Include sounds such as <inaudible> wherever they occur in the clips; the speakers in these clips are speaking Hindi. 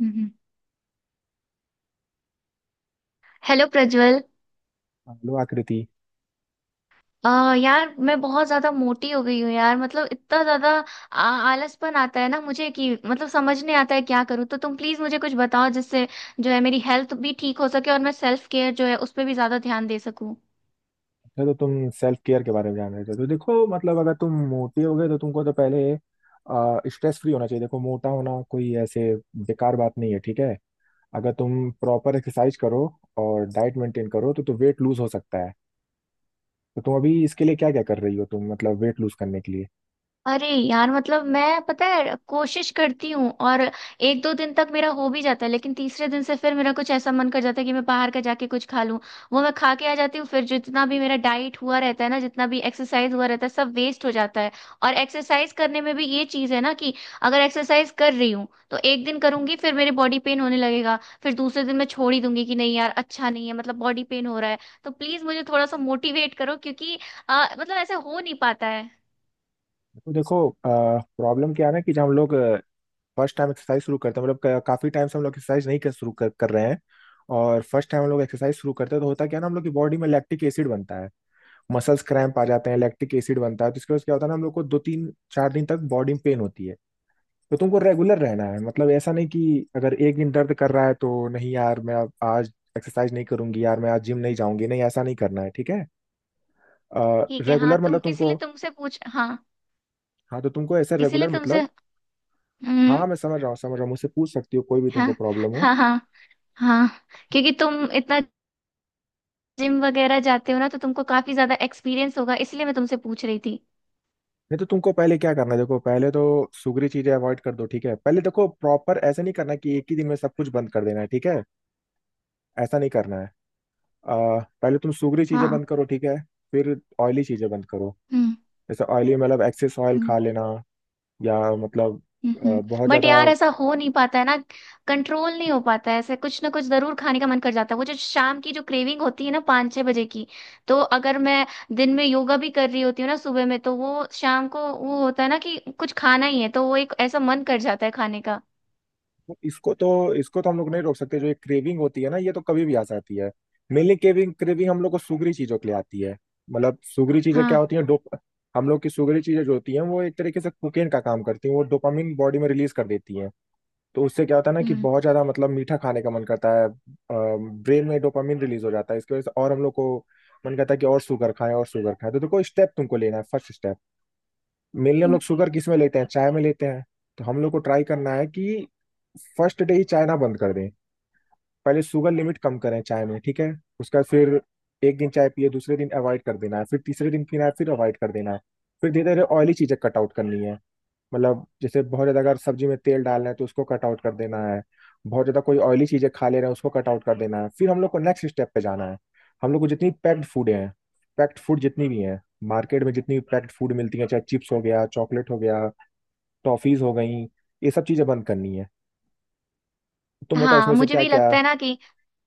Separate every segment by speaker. Speaker 1: हम्म। हेलो प्रज्वल।
Speaker 2: हेलो आकृति।
Speaker 1: यार, मैं बहुत ज्यादा मोटी हो गई हूँ यार, मतलब इतना ज्यादा आ- आलसपन आता है ना मुझे कि मतलब समझ नहीं आता है क्या करूँ। तो तुम प्लीज मुझे कुछ बताओ जिससे जो है मेरी हेल्थ भी ठीक हो सके और मैं सेल्फ केयर जो है उस पर भी ज्यादा ध्यान दे सकूँ।
Speaker 2: अच्छा, तो तुम सेल्फ केयर के बारे में जान रहे थे। तो देखो, मतलब अगर तुम मोटे हो गए तो तुमको तो पहले स्ट्रेस फ्री होना चाहिए। देखो, मोटा होना कोई ऐसे बेकार बात नहीं है, ठीक है। अगर तुम प्रॉपर एक्सरसाइज करो और डाइट मेंटेन करो तो वेट लूज हो सकता है। तो तुम अभी इसके लिए क्या क्या कर रही हो तुम, मतलब वेट लूज करने के लिए?
Speaker 1: अरे यार, मतलब मैं पता है कोशिश करती हूँ और एक दो दिन तक मेरा हो भी जाता है, लेकिन तीसरे दिन से फिर मेरा कुछ ऐसा मन कर जाता है कि मैं बाहर का जाके कुछ खा लूँ। वो मैं खा के आ जाती हूँ, फिर जितना भी मेरा डाइट हुआ रहता है ना, जितना भी एक्सरसाइज हुआ रहता है सब वेस्ट हो जाता है। और एक्सरसाइज करने में भी ये चीज़ है ना कि अगर एक्सरसाइज कर रही हूँ तो एक दिन करूंगी, फिर मेरे बॉडी पेन होने लगेगा। फिर दूसरे दिन मैं छोड़ ही दूंगी कि नहीं यार अच्छा नहीं है, मतलब बॉडी पेन हो रहा है। तो प्लीज़ मुझे थोड़ा सा मोटिवेट करो, क्योंकि मतलब ऐसा हो नहीं पाता है।
Speaker 2: तो देखो, प्रॉब्लम क्या है ना कि जब हम लोग फर्स्ट टाइम एक्सरसाइज शुरू करते हैं, मतलब काफी टाइम से हम लोग एक्सरसाइज नहीं कर रहे हैं। और फर्स्ट टाइम हम लोग एक्सरसाइज शुरू करते हैं तो होता क्या है ना, हम लोग की बॉडी में लैक्टिक एसिड बनता है। मसल्स क्रैम्प आ जाते हैं, लैक्टिक एसिड बनता है तो इसके वजह से क्या होता है ना, हम लोग को 2 3 4 दिन तक बॉडी में पेन होती है। तो तुमको रेगुलर रहना है, मतलब ऐसा नहीं कि अगर एक दिन दर्द कर रहा है तो नहीं यार मैं अब आज एक्सरसाइज नहीं करूंगी, यार मैं आज जिम नहीं जाऊंगी। नहीं, ऐसा नहीं करना है, ठीक है।
Speaker 1: ठीक है। हाँ,
Speaker 2: रेगुलर मतलब
Speaker 1: तुम
Speaker 2: तुमको,
Speaker 1: इसीलिए तुमसे पूछ। हाँ,
Speaker 2: हाँ तो तुमको ऐसा
Speaker 1: इसीलिए
Speaker 2: रेगुलर
Speaker 1: तुमसे।
Speaker 2: मतलब,
Speaker 1: हम्म।
Speaker 2: हाँ मैं समझ रहा हूँ, समझ रहा हूँ, मुझसे पूछ सकती हो कोई भी
Speaker 1: हाँ।
Speaker 2: तुमको प्रॉब्लम हो।
Speaker 1: हाँ हाँ। हाँ। क्योंकि तुम इतना जिम वगैरह जाते हो ना, तो तुमको काफी ज्यादा एक्सपीरियंस होगा, इसलिए मैं तुमसे पूछ रही थी।
Speaker 2: नहीं, तो तुमको पहले क्या करना है, देखो पहले तो सुगरी चीजें अवॉइड कर दो, ठीक है। पहले देखो, प्रॉपर ऐसा नहीं करना कि एक ही दिन में सब कुछ बंद कर देना है, ठीक है, ऐसा नहीं करना है। आ, पहले तुम सूगरी चीजें
Speaker 1: हाँ।
Speaker 2: बंद करो, ठीक है। फिर ऑयली चीजें बंद करो।
Speaker 1: हम्म।
Speaker 2: जैसे ऑयली मतलब एक्सेस ऑयल
Speaker 1: हम्म।
Speaker 2: खा लेना, या मतलब
Speaker 1: हम्म,
Speaker 2: बहुत
Speaker 1: हम्म। बट
Speaker 2: ज्यादा।
Speaker 1: यार, ऐसा हो नहीं पाता है ना। कंट्रोल नहीं हो पाता है, ऐसे कुछ ना कुछ जरूर खाने का मन कर जाता है। वो जो शाम की जो क्रेविंग होती है ना, 5-6 बजे की। तो अगर मैं दिन में योगा भी कर रही होती हूँ ना सुबह में, तो वो शाम को वो होता है ना कि कुछ खाना ही है, तो वो एक ऐसा मन कर जाता है खाने का।
Speaker 2: इसको तो हम लोग नहीं रोक सकते, जो ये क्रेविंग होती है ना, ये तो कभी भी आ सकती है। मेनली क्रेविंग क्रेविंग हम लोग को सूगरी चीजों के लिए आती है। मतलब सूगरी चीजें क्या
Speaker 1: हाँ।
Speaker 2: होती हैं, डोप हम लोग की सूगरी चीजें जो होती हैं वो एक तरीके से कोकेन का काम करती हैं, वो डोपामिन बॉडी में रिलीज कर देती हैं। तो उससे क्या होता है ना कि
Speaker 1: हम्म,
Speaker 2: बहुत ज्यादा मतलब मीठा खाने का मन करता है। ब्रेन में डोपामिन रिलीज हो जाता है इसकी वजह से, और हम लोग को मन करता है कि और शुगर खाएं और शुगर खाएं। तो देखो स्टेप तुमको लेना है, फर्स्ट स्टेप मेनली हम लोग शुगर किस में लेते हैं, चाय में लेते हैं। तो हम लोग को ट्राई करना है कि फर्स्ट डे ही चाय ना बंद कर दें। पहले शुगर लिमिट कम करें चाय में, ठीक है। उसका फिर एक दिन चाय पिए, दूसरे दिन अवॉइड कर देना है, फिर तीसरे दिन पीना है, फिर अवॉइड कर देना है। फिर धीरे धीरे ऑयली चीजें कट आउट करनी है। मतलब जैसे बहुत ज्यादा अगर सब्जी में तेल डालना है तो उसको कट आउट कर देना है। बहुत ज्यादा कोई ऑयली चीजें खा ले रहे हैं उसको कट आउट कर देना है। फिर हम लोग को नेक्स्ट स्टेप पे जाना है। हम लोग को जितनी पैक्ड फूड है, पैक्ड फूड जितनी भी है, मार्केट में जितनी भी पैक्ड फूड मिलती है, चाहे चिप्स हो गया, चॉकलेट हो गया, टॉफीज हो गई, ये सब चीजें बंद करनी है। तुम बताओ
Speaker 1: हाँ
Speaker 2: इसमें से
Speaker 1: मुझे
Speaker 2: क्या
Speaker 1: भी
Speaker 2: क्या।
Speaker 1: लगता है ना कि।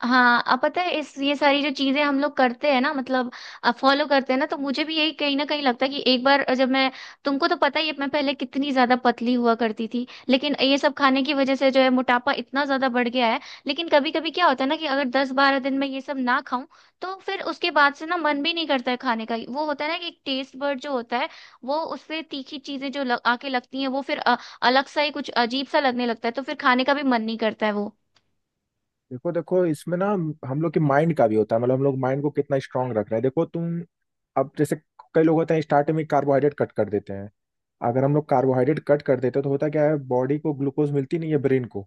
Speaker 1: हाँ, अब पता है इस ये सारी जो चीजें हम लोग करते हैं ना, मतलब फॉलो करते हैं ना, तो मुझे भी यही कहीं ना कहीं लगता है कि एक बार जब मैं। तुमको तो पता ही है मैं पहले कितनी ज्यादा पतली हुआ करती थी, लेकिन ये सब खाने की वजह से जो है मोटापा इतना ज्यादा बढ़ गया है। लेकिन कभी कभी क्या होता है ना कि अगर 10-12 दिन में ये सब ना खाऊं, तो फिर उसके बाद से ना मन भी नहीं करता है खाने का। वो होता है ना कि एक टेस्ट बर्ड जो होता है, वो उससे तीखी चीजें आके लगती हैं, वो फिर अलग सा ही कुछ अजीब सा लगने लगता है, तो फिर खाने का भी मन नहीं करता है वो।
Speaker 2: देखो देखो, इसमें ना हम लोग के माइंड का भी होता है, मतलब हम लोग माइंड को कितना स्ट्रांग रख रहे हैं। देखो तुम, अब जैसे कई लोग होते हैं स्टार्टिंग में कार्बोहाइड्रेट कट कर देते हैं। अगर हम लोग कार्बोहाइड्रेट कट कर देते हैं तो होता क्या है, बॉडी को ग्लूकोज मिलती नहीं है, ब्रेन को।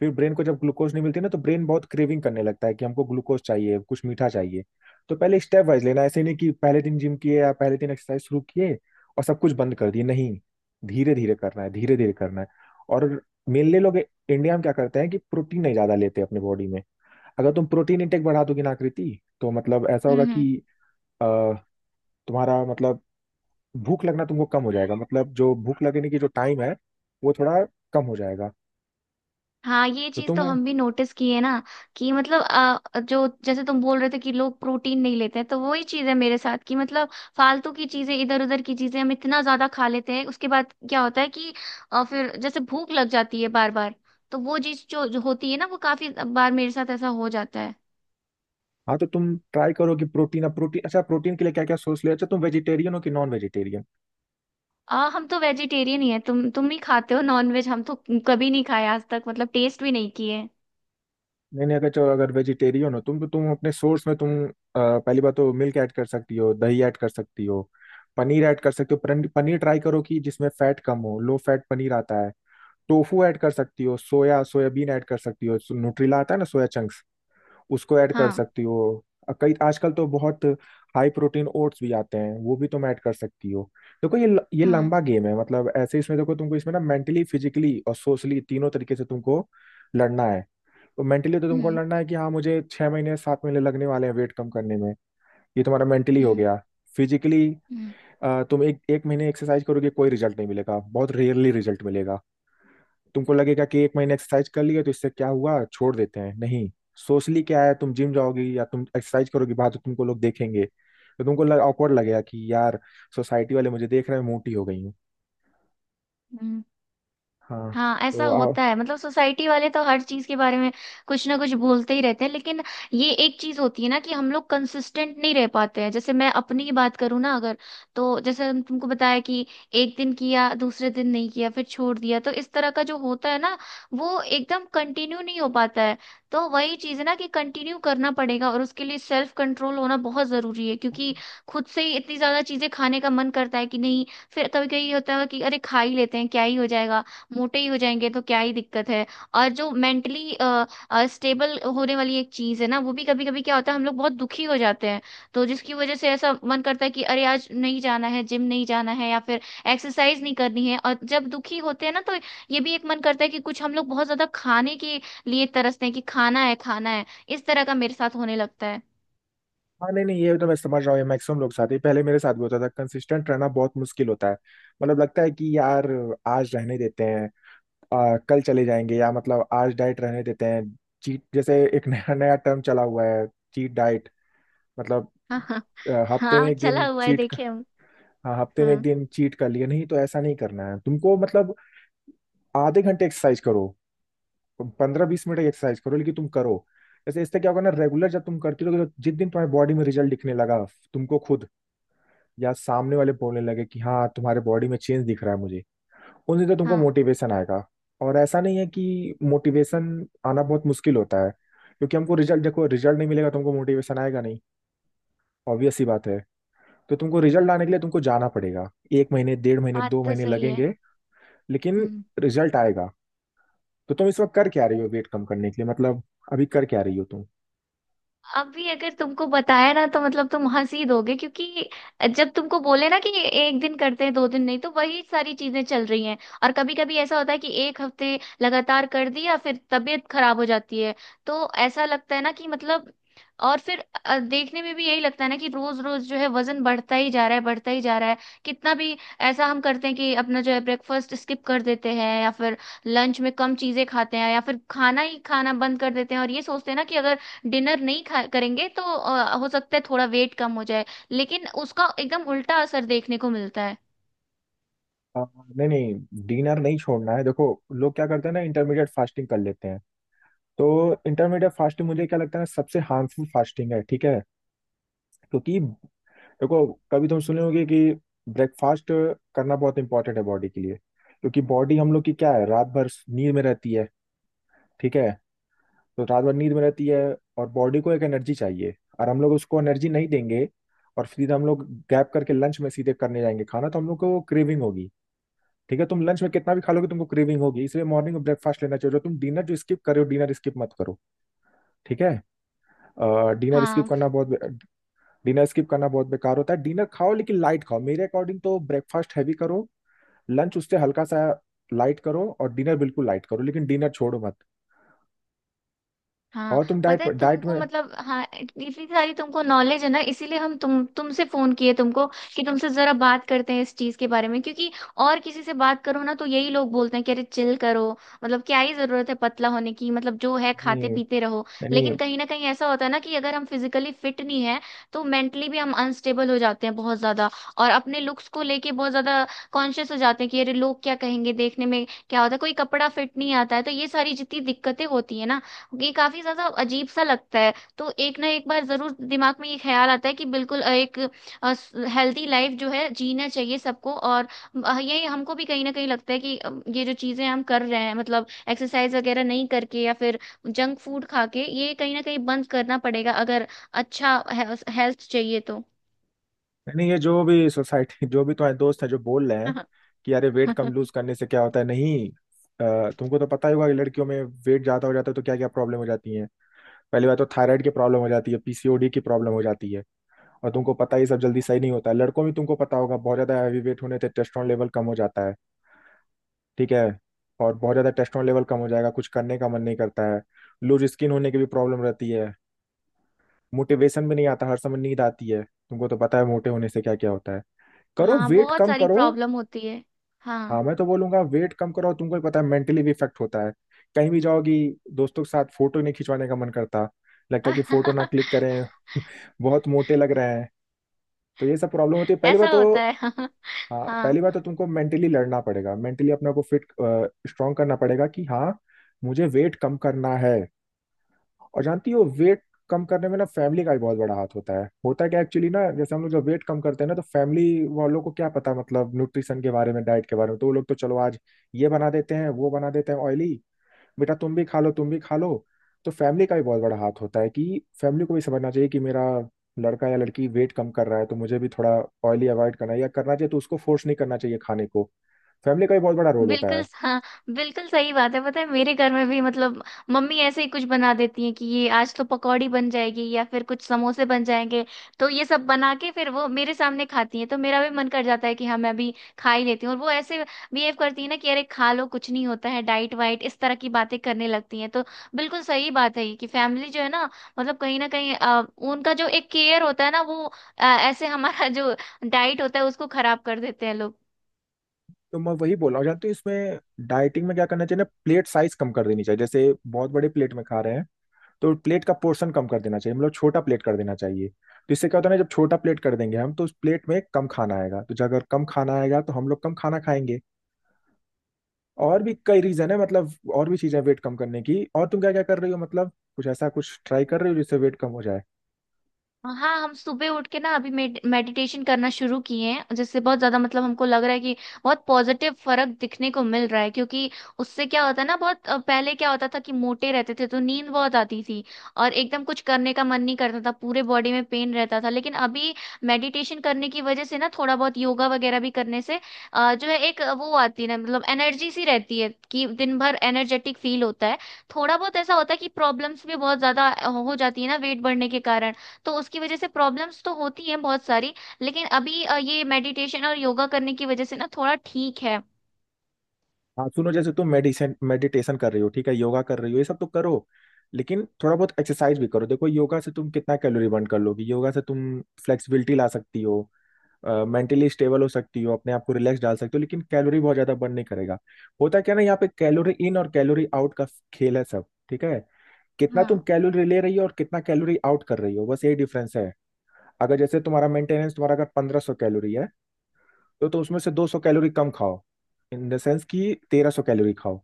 Speaker 2: फिर ब्रेन को जब ग्लूकोज नहीं मिलती ना तो ब्रेन बहुत क्रेविंग करने लगता है कि हमको ग्लूकोज चाहिए, कुछ मीठा चाहिए। तो पहले स्टेप वाइज लेना, ऐसे नहीं कि पहले दिन जिम किए या पहले दिन एक्सरसाइज शुरू किए और सब कुछ बंद कर दिए, नहीं। धीरे धीरे करना है, धीरे धीरे करना है। और मेनली लोग इंडिया में क्या करते हैं कि प्रोटीन नहीं ज्यादा लेते अपने बॉडी में। अगर तुम प्रोटीन इंटेक बढ़ा दोगी ना आकृति, तो मतलब ऐसा होगा
Speaker 1: हम्म। हम्म।
Speaker 2: कि अ, तुम्हारा मतलब भूख लगना तुमको कम हो जाएगा, मतलब जो भूख लगने की जो टाइम है वो थोड़ा कम हो जाएगा।
Speaker 1: हाँ, ये
Speaker 2: तो
Speaker 1: चीज
Speaker 2: तुम,
Speaker 1: तो हम भी नोटिस की है ना कि मतलब जो जैसे तुम बोल रहे थे कि लोग प्रोटीन नहीं लेते हैं, तो वही चीज है मेरे साथ कि मतलब फालतू की चीजें इधर उधर की चीजें हम इतना ज्यादा खा लेते हैं, उसके बाद क्या होता है कि फिर जैसे भूख लग जाती है बार बार। तो वो चीज जो होती है ना, वो काफी बार मेरे साथ ऐसा हो जाता है।
Speaker 2: हाँ तो तुम ट्राई करो कि प्रोटीन। अब प्रोटीन, अच्छा प्रोटीन के लिए क्या क्या सोर्स ले। अच्छा, तुम वेजिटेरियन हो कि नॉन वेजिटेरियन?
Speaker 1: हम तो वेजिटेरियन ही है, तुम ही खाते हो नॉनवेज, हम तो कभी नहीं खाया आज तक, मतलब टेस्ट भी नहीं किए।
Speaker 2: नहीं नहीं, अगर चलो, अगर वेजिटेरियन हो तुम तो तुम अपने सोर्स में तुम पहली बात तो मिल्क ऐड कर सकती हो, दही ऐड कर सकती हो, पनीर ऐड कर सकते हो। पनीर ट्राई करो कि जिसमें फैट कम हो, लो फैट पनीर आता है। टोफू ऐड कर सकती हो, सोया सोयाबीन ऐड कर सकती हो, न्यूट्रिला आता है ना सोया चंक्स, उसको ऐड कर
Speaker 1: हाँ।
Speaker 2: सकती हो। कई आजकल तो बहुत हाई प्रोटीन ओट्स भी आते हैं, वो भी तुम ऐड कर सकती हो। देखो ये ये
Speaker 1: हाँ।
Speaker 2: लंबा गेम है, मतलब ऐसे इसमें देखो तुमको इसमें ना मेंटली, फिजिकली और सोशली तीनों तरीके से तुमको लड़ना है। तो मेंटली तो तुमको
Speaker 1: हम्म।
Speaker 2: लड़ना है कि हाँ मुझे 6 महीने 7 महीने लगने वाले हैं वेट कम करने में। ये तुम्हारा मेंटली हो
Speaker 1: हम्म।
Speaker 2: गया। फिजिकली
Speaker 1: हम्म।
Speaker 2: तुम एक एक महीने एक्सरसाइज करोगे कोई रिजल्ट नहीं मिलेगा, बहुत रेयरली रिजल्ट मिलेगा। तुमको लगेगा कि एक महीने एक्सरसाइज कर लिए तो इससे क्या हुआ, छोड़ देते हैं, नहीं। सोशली क्या है, तुम जिम जाओगी या तुम एक्सरसाइज करोगी बाहर तो तुमको लोग देखेंगे, तो तुमको लग awkward लगेगा कि यार सोसाइटी वाले मुझे देख रहे हैं, मोटी हो गई हूँ।
Speaker 1: हम्म।
Speaker 2: हाँ
Speaker 1: हाँ ऐसा
Speaker 2: तो
Speaker 1: होता है, मतलब सोसाइटी वाले तो हर चीज के बारे में कुछ ना कुछ बोलते ही रहते हैं, लेकिन ये एक चीज होती है ना कि हम लोग कंसिस्टेंट नहीं रह पाते हैं। जैसे मैं अपनी ही बात करूँ ना, अगर तो जैसे हम तुमको बताया कि एक दिन किया दूसरे दिन नहीं किया फिर छोड़ दिया, तो इस तरह का जो होता है ना वो एकदम कंटिन्यू नहीं हो पाता है। तो वही चीज है ना कि कंटिन्यू करना पड़ेगा, और उसके लिए सेल्फ कंट्रोल होना बहुत जरूरी है, क्योंकि खुद से ही इतनी ज्यादा चीजें खाने का मन करता है कि नहीं। फिर कभी कभी होता है कि अरे खा ही लेते हैं क्या ही हो जाएगा, मोटे ही हो जाएंगे तो क्या ही दिक्कत है। और जो मेंटली स्टेबल होने वाली एक चीज है ना, वो भी कभी कभी क्या होता है हम लोग बहुत दुखी हो जाते हैं, तो जिसकी वजह से ऐसा मन करता है कि अरे आज नहीं जाना है जिम नहीं जाना है या फिर एक्सरसाइज नहीं करनी है। और जब दुखी होते हैं ना, तो ये भी एक मन करता है कि कुछ हम लोग बहुत ज्यादा खाने के लिए तरसते हैं कि खाना है खाना है, इस तरह का मेरे साथ होने लगता है <laughs>
Speaker 2: हाँ। नहीं नहीं, ये तो मैं समझ रहा हूँ, ये मैक्सिमम लोग साथ ही पहले मेरे साथ भी होता था, कंसिस्टेंट रहना बहुत मुश्किल होता है। मतलब लगता है कि यार आज रहने देते हैं, कल चले जाएंगे, या मतलब आज डाइट रहने देते हैं। चीट, जैसे एक नया नया टर्म चला हुआ है, चीट डाइट, मतलब
Speaker 1: हाँ। हाँ
Speaker 2: हफ्ते में
Speaker 1: हाँ,
Speaker 2: एक
Speaker 1: चला
Speaker 2: दिन
Speaker 1: हुआ है,
Speaker 2: चीट।
Speaker 1: देखे हम।
Speaker 2: हाँ, हफ्ते में एक
Speaker 1: हाँ
Speaker 2: दिन चीट कर लिया, नहीं तो ऐसा नहीं करना है तुमको, मतलब आधे घंटे एक्सरसाइज करो, 15 20 मिनट एक्सरसाइज करो, लेकिन तुम करो। ऐसे इससे क्या होगा ना, रेगुलर जब तुम करती रहोगे तो जिस दिन तुम्हारी बॉडी में रिजल्ट दिखने लगा, तुमको खुद या सामने वाले बोलने लगे कि हाँ तुम्हारे बॉडी में चेंज दिख रहा है मुझे, उस दिन तो तुमको
Speaker 1: हाँ।
Speaker 2: मोटिवेशन आएगा। और ऐसा नहीं है कि मोटिवेशन आना बहुत मुश्किल होता है, क्योंकि हमको रिजल्ट, देखो रिजल्ट नहीं मिलेगा तुमको, मोटिवेशन आएगा नहीं, ऑब्वियस ही बात है। तो तुमको रिजल्ट आने के लिए तुमको जाना पड़ेगा, एक महीने डेढ़ महीने
Speaker 1: बात
Speaker 2: दो
Speaker 1: तो
Speaker 2: महीने
Speaker 1: सही है।
Speaker 2: लगेंगे, लेकिन
Speaker 1: हम्म।
Speaker 2: रिजल्ट आएगा। तो तुम इस वक्त कर क्या रही हो वेट कम करने के लिए, मतलब अभी कर क्या रही हो तुम?
Speaker 1: अभी अगर तुमको बताया ना तो मतलब तुम हंस ही दोगे, क्योंकि जब तुमको बोले ना कि एक दिन करते हैं दो दिन नहीं, तो वही सारी चीजें चल रही हैं। और कभी कभी ऐसा होता है कि एक हफ्ते लगातार कर दिया फिर तबीयत खराब हो जाती है। तो ऐसा लगता है ना कि मतलब और फिर देखने में भी यही लगता है ना कि रोज रोज जो है वजन बढ़ता ही जा रहा है बढ़ता ही जा रहा है। कितना भी ऐसा हम करते हैं कि अपना जो है ब्रेकफास्ट स्किप कर देते हैं या फिर लंच में कम चीजें खाते हैं या फिर खाना ही खाना बंद कर देते हैं और ये सोचते हैं ना कि अगर डिनर नहीं खा करेंगे तो हो सकता है थोड़ा वेट कम हो जाए, लेकिन उसका एकदम उल्टा असर देखने को मिलता है।
Speaker 2: अ, नहीं नहीं डिनर नहीं छोड़ना है। देखो लोग क्या करते हैं ना, इंटरमीडिएट फास्टिंग कर लेते हैं। तो इंटरमीडिएट फास्टिंग मुझे क्या लगता है ना, सबसे हार्मफुल फास्टिंग है, ठीक है। क्योंकि देखो, कभी तुम सुने होगे कि ब्रेकफास्ट करना बहुत इंपॉर्टेंट है बॉडी के लिए। क्योंकि बॉडी हम लोग की क्या है, रात भर नींद में रहती है, ठीक है। तो रात भर नींद में रहती है, और बॉडी को एक एनर्जी चाहिए, और हम लोग उसको एनर्जी नहीं देंगे और फिर हम लोग गैप करके लंच में सीधे करने जाएंगे खाना, तो हम लोग को क्रेविंग होगी। ठीक है, तुम लंच में कितना भी खा लोगे तुमको क्रेविंग होगी, इसलिए मॉर्निंग में ब्रेकफास्ट लेना चाहिए। जो तुम डिनर जो स्किप कर रहे हो, डिनर स्किप मत करो, ठीक है। डिनर स्किप
Speaker 1: हाँ।
Speaker 2: करना बहुत डिनर स्किप करना बहुत बेकार होता है। डिनर खाओ लेकिन लाइट खाओ, मेरे अकॉर्डिंग तो ब्रेकफास्ट हैवी करो, लंच उससे हल्का सा लाइट करो, और डिनर बिल्कुल लाइट करो, लेकिन डिनर छोड़ो मत।
Speaker 1: हाँ,
Speaker 2: और तुम
Speaker 1: पता
Speaker 2: डाइट
Speaker 1: है
Speaker 2: डाइट
Speaker 1: तुमको,
Speaker 2: में,
Speaker 1: मतलब हाँ इतनी सारी तुमको नॉलेज है ना, इसीलिए हम तुमसे फोन किए तुमको, कि तुमसे जरा बात करते हैं इस चीज के बारे में, क्योंकि और किसी से बात करो ना तो यही लोग बोलते हैं कि अरे चिल करो, मतलब क्या ही जरूरत है पतला होने की, मतलब जो है खाते
Speaker 2: नहीं
Speaker 1: पीते रहो।
Speaker 2: यानी
Speaker 1: लेकिन कहीं ना कहीं ऐसा होता है ना कि अगर हम फिजिकली फिट नहीं है, तो मेंटली भी हम अनस्टेबल हो जाते हैं बहुत ज्यादा, और अपने लुक्स को लेके बहुत ज्यादा कॉन्शियस हो जाते हैं कि अरे लोग क्या कहेंगे। देखने में क्या होता है कोई कपड़ा फिट नहीं आता है, तो ये सारी जितनी दिक्कतें होती है ना, ये काफी ज्यादा अजीब सा लगता है, तो एक ना एक बार जरूर दिमाग में ये ख्याल आता है कि बिल्कुल एक हेल्दी लाइफ जो है जीना चाहिए सबको। और ये हमको भी कहीं ना कहीं लगता है कि ये जो चीजें हम कर रहे हैं, मतलब एक्सरसाइज वगैरह नहीं करके या फिर जंक फूड खा के, ये कहीं ना कहीं बंद करना पड़ेगा अगर अच्छा हेल्थ चाहिए तो।
Speaker 2: नहीं, ये जो भी सोसाइटी, जो भी तुम्हारे दोस्त हैं जो बोल रहे हैं कि अरे वेट कम लूज
Speaker 1: <laughs>
Speaker 2: करने से क्या होता है, नहीं। तुमको तो पता ही होगा कि लड़कियों में वेट ज्यादा हो जाता है तो क्या क्या प्रॉब्लम हो जाती है। पहली बात तो थायराइड की प्रॉब्लम हो जाती है, पीसीओडी की प्रॉब्लम हो जाती है। और तुमको पता है ये सब जल्दी सही नहीं होता है। लड़कों में तुमको पता होगा बहुत ज्यादा हैवी वेट होने से टेस्टोन लेवल कम हो जाता है, ठीक है। और बहुत ज्यादा टेस्टोन लेवल कम हो जाएगा कुछ करने का मन नहीं करता है। लूज स्किन होने की भी प्रॉब्लम रहती है, मोटिवेशन भी नहीं आता, हर समय नींद आती है। तुमको तो पता है मोटे होने से क्या क्या होता है, करो
Speaker 1: हाँ
Speaker 2: वेट
Speaker 1: बहुत
Speaker 2: कम
Speaker 1: सारी
Speaker 2: करो।
Speaker 1: प्रॉब्लम होती है।
Speaker 2: हाँ,
Speaker 1: हाँ।
Speaker 2: मैं तो बोलूंगा वेट कम करो, तुमको ही पता है मेंटली भी इफेक्ट होता है। कहीं भी जाओगी दोस्तों के साथ फोटो नहीं खिंचवाने का मन करता, लगता है कि फोटो ना क्लिक
Speaker 1: <laughs>
Speaker 2: करें, बहुत मोटे लग रहे हैं। तो ये सब प्रॉब्लम होती है पहली
Speaker 1: ऐसा
Speaker 2: बात तो।
Speaker 1: होता है <laughs>
Speaker 2: हाँ,
Speaker 1: हाँ
Speaker 2: पहली बात तो तुमको मेंटली लड़ना पड़ेगा। मेंटली अपने को फिट स्ट्रांग करना पड़ेगा कि हाँ, मुझे वेट कम करना है। और जानती हो वेट कम करने में ना फैमिली का भी बहुत बड़ा हाथ होता है। होता क्या एक्चुअली ना, जैसे हम लोग जब वेट कम करते हैं ना, तो फैमिली वालों को क्या पता, मतलब न्यूट्रिशन के बारे में, डाइट के बारे में। तो वो लोग तो चलो आज ये बना देते हैं, वो बना देते हैं ऑयली, बेटा तुम भी खा लो, तुम भी खा लो। तो फैमिली का भी बहुत बड़ा हाथ होता है कि फैमिली को भी समझना चाहिए कि मेरा लड़का या लड़की वेट कम कर रहा है, तो मुझे भी थोड़ा ऑयली अवॉइड करना है या करना चाहिए, तो उसको फोर्स नहीं करना चाहिए खाने को। फैमिली का भी बहुत बड़ा रोल होता
Speaker 1: बिल्कुल।
Speaker 2: है।
Speaker 1: हाँ बिल्कुल सही बात है, पता है मेरे घर में भी मतलब मम्मी ऐसे ही कुछ बना देती हैं कि ये आज तो पकौड़ी बन जाएगी या फिर कुछ समोसे बन जाएंगे। तो ये सब बना के फिर वो मेरे सामने खाती हैं, तो मेरा भी मन कर जाता है कि हाँ मैं भी खा ही लेती हूँ, और वो ऐसे बिहेव करती है ना कि अरे खा लो कुछ नहीं होता है, डाइट वाइट इस तरह की बातें करने लगती हैं। तो बिल्कुल सही बात है ये कि फैमिली जो है ना, मतलब कहीं ना कहीं उनका जो एक केयर होता है ना वो ऐसे हमारा <laughs> जो डाइट होता है उसको खराब कर देते हैं लोग।
Speaker 2: तो मैं वही बोल रहा हूँ। जानते हो इसमें डाइटिंग में क्या करना चाहिए ना, प्लेट साइज कम कर देनी चाहिए। जैसे बहुत बड़े प्लेट में खा रहे हैं तो प्लेट का पोर्शन कम कर देना चाहिए, मतलब छोटा प्लेट कर देना चाहिए। तो इससे क्या होता है ना, जब छोटा प्लेट कर देंगे हम, तो उस प्लेट में कम खाना आएगा, तो जब अगर कम खाना आएगा तो हम लोग कम खाना खाएंगे। और भी कई रीजन है, मतलब और भी चीजें वेट कम करने की। और तुम क्या क्या कर रही हो, मतलब कुछ ऐसा कुछ ट्राई कर रही हो जिससे वेट कम हो जाए।
Speaker 1: हाँ, हम सुबह उठ के ना अभी मेडिटेशन करना शुरू किए हैं, जिससे बहुत ज्यादा मतलब हमको लग रहा है कि बहुत पॉजिटिव फर्क दिखने को मिल रहा है, क्योंकि उससे क्या होता है ना बहुत पहले क्या होता था कि मोटे रहते थे तो नींद बहुत आती थी, और एकदम कुछ करने का मन नहीं करता था, पूरे बॉडी में पेन रहता था। लेकिन अभी मेडिटेशन करने की वजह से ना, थोड़ा बहुत योगा वगैरह भी करने से जो है एक वो आती है ना, मतलब एनर्जी सी रहती है कि दिन भर एनर्जेटिक फील होता है। थोड़ा बहुत ऐसा होता है कि प्रॉब्लम्स भी बहुत ज्यादा हो जाती है ना वेट बढ़ने के कारण, तो उसकी वजह से प्रॉब्लम्स तो होती हैं बहुत सारी, लेकिन अभी ये मेडिटेशन और योगा करने की वजह से ना थोड़ा ठीक है।
Speaker 2: हाँ सुनो, जैसे तुम मेडिसन मेडिटेशन कर रही हो, ठीक है, योगा कर रही हो, ये सब तो करो, लेकिन थोड़ा बहुत एक्सरसाइज भी करो। देखो, योगा से तुम कितना कैलोरी बर्न कर लोगी। योगा से तुम फ्लेक्सिबिलिटी ला सकती हो, मेंटली स्टेबल हो सकती हो, अपने आप को रिलैक्स डाल सकती हो, लेकिन कैलोरी बहुत ज्यादा बर्न नहीं करेगा। होता क्या ना, यहाँ पे कैलोरी इन और कैलोरी आउट का खेल है सब, ठीक है। कितना तुम
Speaker 1: हाँ।
Speaker 2: कैलोरी ले रही हो और कितना कैलोरी आउट कर रही हो, बस यही डिफरेंस है। अगर जैसे तुम्हारा मेंटेनेंस, तुम्हारा अगर 1500 कैलोरी है, तो उसमें से 200 कैलोरी कम खाओ। इन द सेंस कि 1300 कैलोरी खाओ,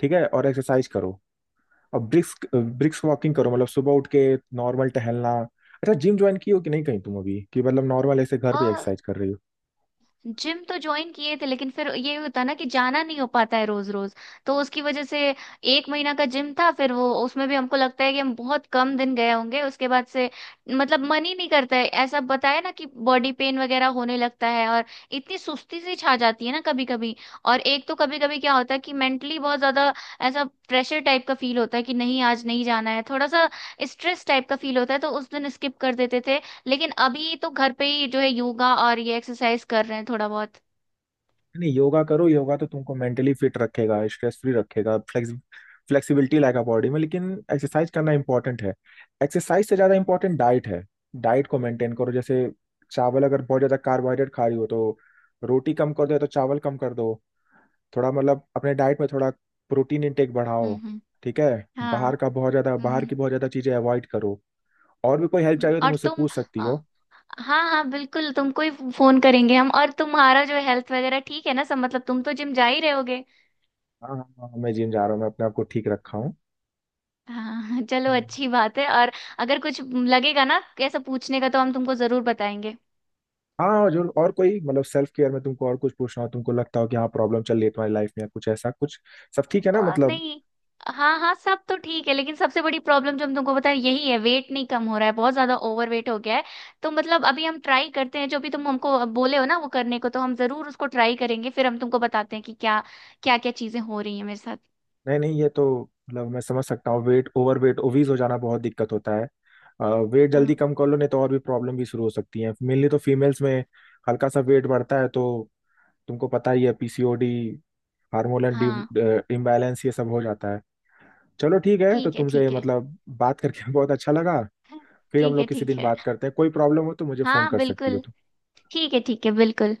Speaker 2: ठीक है। और एक्सरसाइज करो, और ब्रिस्क ब्रिस्क वॉकिंग करो, मतलब सुबह उठ के नॉर्मल टहलना। अच्छा, जिम ज्वाइन की हो कि नहीं कहीं तुम अभी, कि मतलब नॉर्मल ऐसे घर
Speaker 1: अ,
Speaker 2: पे एक्सरसाइज कर रही हो।
Speaker 1: जिम तो ज्वाइन किए थे, लेकिन फिर ये होता ना कि जाना नहीं हो पाता है रोज रोज, तो उसकी वजह से एक महीना का जिम था, फिर वो उसमें भी हमको लगता है कि हम बहुत कम दिन गए होंगे। उसके बाद से मतलब मन ही नहीं करता है, ऐसा बताया ना कि बॉडी पेन वगैरह होने लगता है, और इतनी सुस्ती सी छा जाती है ना कभी कभी। और एक तो कभी कभी क्या होता है कि मेंटली बहुत ज्यादा ऐसा प्रेशर टाइप का फील होता है कि नहीं आज नहीं जाना है, थोड़ा सा स्ट्रेस टाइप का फील होता है, तो उस दिन स्किप कर देते थे, लेकिन अभी तो घर पे ही जो है योगा और ये एक्सरसाइज कर रहे हैं थोड़ा बहुत।
Speaker 2: नहीं, योगा करो, योगा तो तुमको मेंटली फिट रखेगा, स्ट्रेस फ्री रखेगा, फ्लेक्सिबिलिटी लाएगा बॉडी में, लेकिन एक्सरसाइज करना इंपॉर्टेंट है। एक्सरसाइज से ज़्यादा इंपॉर्टेंट डाइट है। डाइट को मेंटेन करो। जैसे चावल, अगर बहुत ज़्यादा कार्बोहाइड्रेट खा रही हो तो रोटी कम कर दो, या तो चावल कम कर दो। थोड़ा मतलब अपने डाइट में थोड़ा प्रोटीन इंटेक बढ़ाओ,
Speaker 1: हम्म। हम्म।
Speaker 2: ठीक है।
Speaker 1: हाँ।
Speaker 2: बाहर
Speaker 1: हम्म।
Speaker 2: की बहुत ज़्यादा चीज़ें अवॉइड करो। और भी कोई हेल्प
Speaker 1: हम्म।
Speaker 2: चाहिए तो
Speaker 1: और
Speaker 2: मुझसे
Speaker 1: तुम?
Speaker 2: पूछ सकती
Speaker 1: अ,
Speaker 2: हो।
Speaker 1: हाँ हाँ, बिल्कुल तुमको ही फोन करेंगे हम। और तुम्हारा जो हेल्थ वगैरह ठीक है ना सब, मतलब तुम तो जिम जा ही रहोगे।
Speaker 2: हाँ हाँ हाँ, मैं जिम जा रहा हूँ, मैं अपने आप को ठीक रखा हूँ।
Speaker 1: हाँ <laughs> चलो
Speaker 2: हम्म।
Speaker 1: अच्छी बात है, और अगर कुछ लगेगा ना कैसा पूछने का, तो हम तुमको जरूर बताएंगे।
Speaker 2: हाँ, और जो और कोई मतलब सेल्फ केयर में तुमको और कुछ पूछना हो, तुमको लगता हो कि हाँ प्रॉब्लम चल रही है तुम्हारी लाइफ में या कुछ ऐसा कुछ, सब ठीक है ना
Speaker 1: और
Speaker 2: मतलब?
Speaker 1: नहीं, हाँ हाँ सब तो ठीक है, लेकिन सबसे बड़ी प्रॉब्लम जो हम तुमको बता रहे हैं, यही है, वेट नहीं कम हो रहा है, बहुत ज्यादा ओवर वेट हो गया है। तो मतलब अभी हम ट्राई करते हैं जो भी तुम हमको बोले हो ना वो करने को, तो हम जरूर उसको ट्राई करेंगे, फिर हम तुमको बताते हैं कि क्या क्या क्या चीजें हो रही हैं मेरे साथ।
Speaker 2: नहीं नहीं, ये तो, मतलब मैं समझ सकता हूँ, वेट ओवर वेट ओवीज हो जाना बहुत दिक्कत होता है। वेट
Speaker 1: हाँ
Speaker 2: जल्दी कम कर लो, नहीं तो और भी प्रॉब्लम भी शुरू हो सकती है। मेनली तो फीमेल्स में हल्का सा वेट बढ़ता है तो तुमको पता ही है पीसीओडी, हार्मोनल
Speaker 1: हाँ,
Speaker 2: इम्बैलेंस, ये सब हो जाता है। चलो ठीक है, तो
Speaker 1: ठीक है
Speaker 2: तुमसे
Speaker 1: ठीक है।
Speaker 2: मतलब बात करके <laughs> बहुत अच्छा लगा।
Speaker 1: <laughs>
Speaker 2: फिर हम
Speaker 1: ठीक है
Speaker 2: लोग किसी
Speaker 1: ठीक
Speaker 2: दिन
Speaker 1: है।
Speaker 2: बात करते हैं। कोई प्रॉब्लम हो तो मुझे फोन
Speaker 1: हाँ
Speaker 2: कर सकती
Speaker 1: बिल्कुल।
Speaker 2: हो।
Speaker 1: ठीक है बिल्कुल।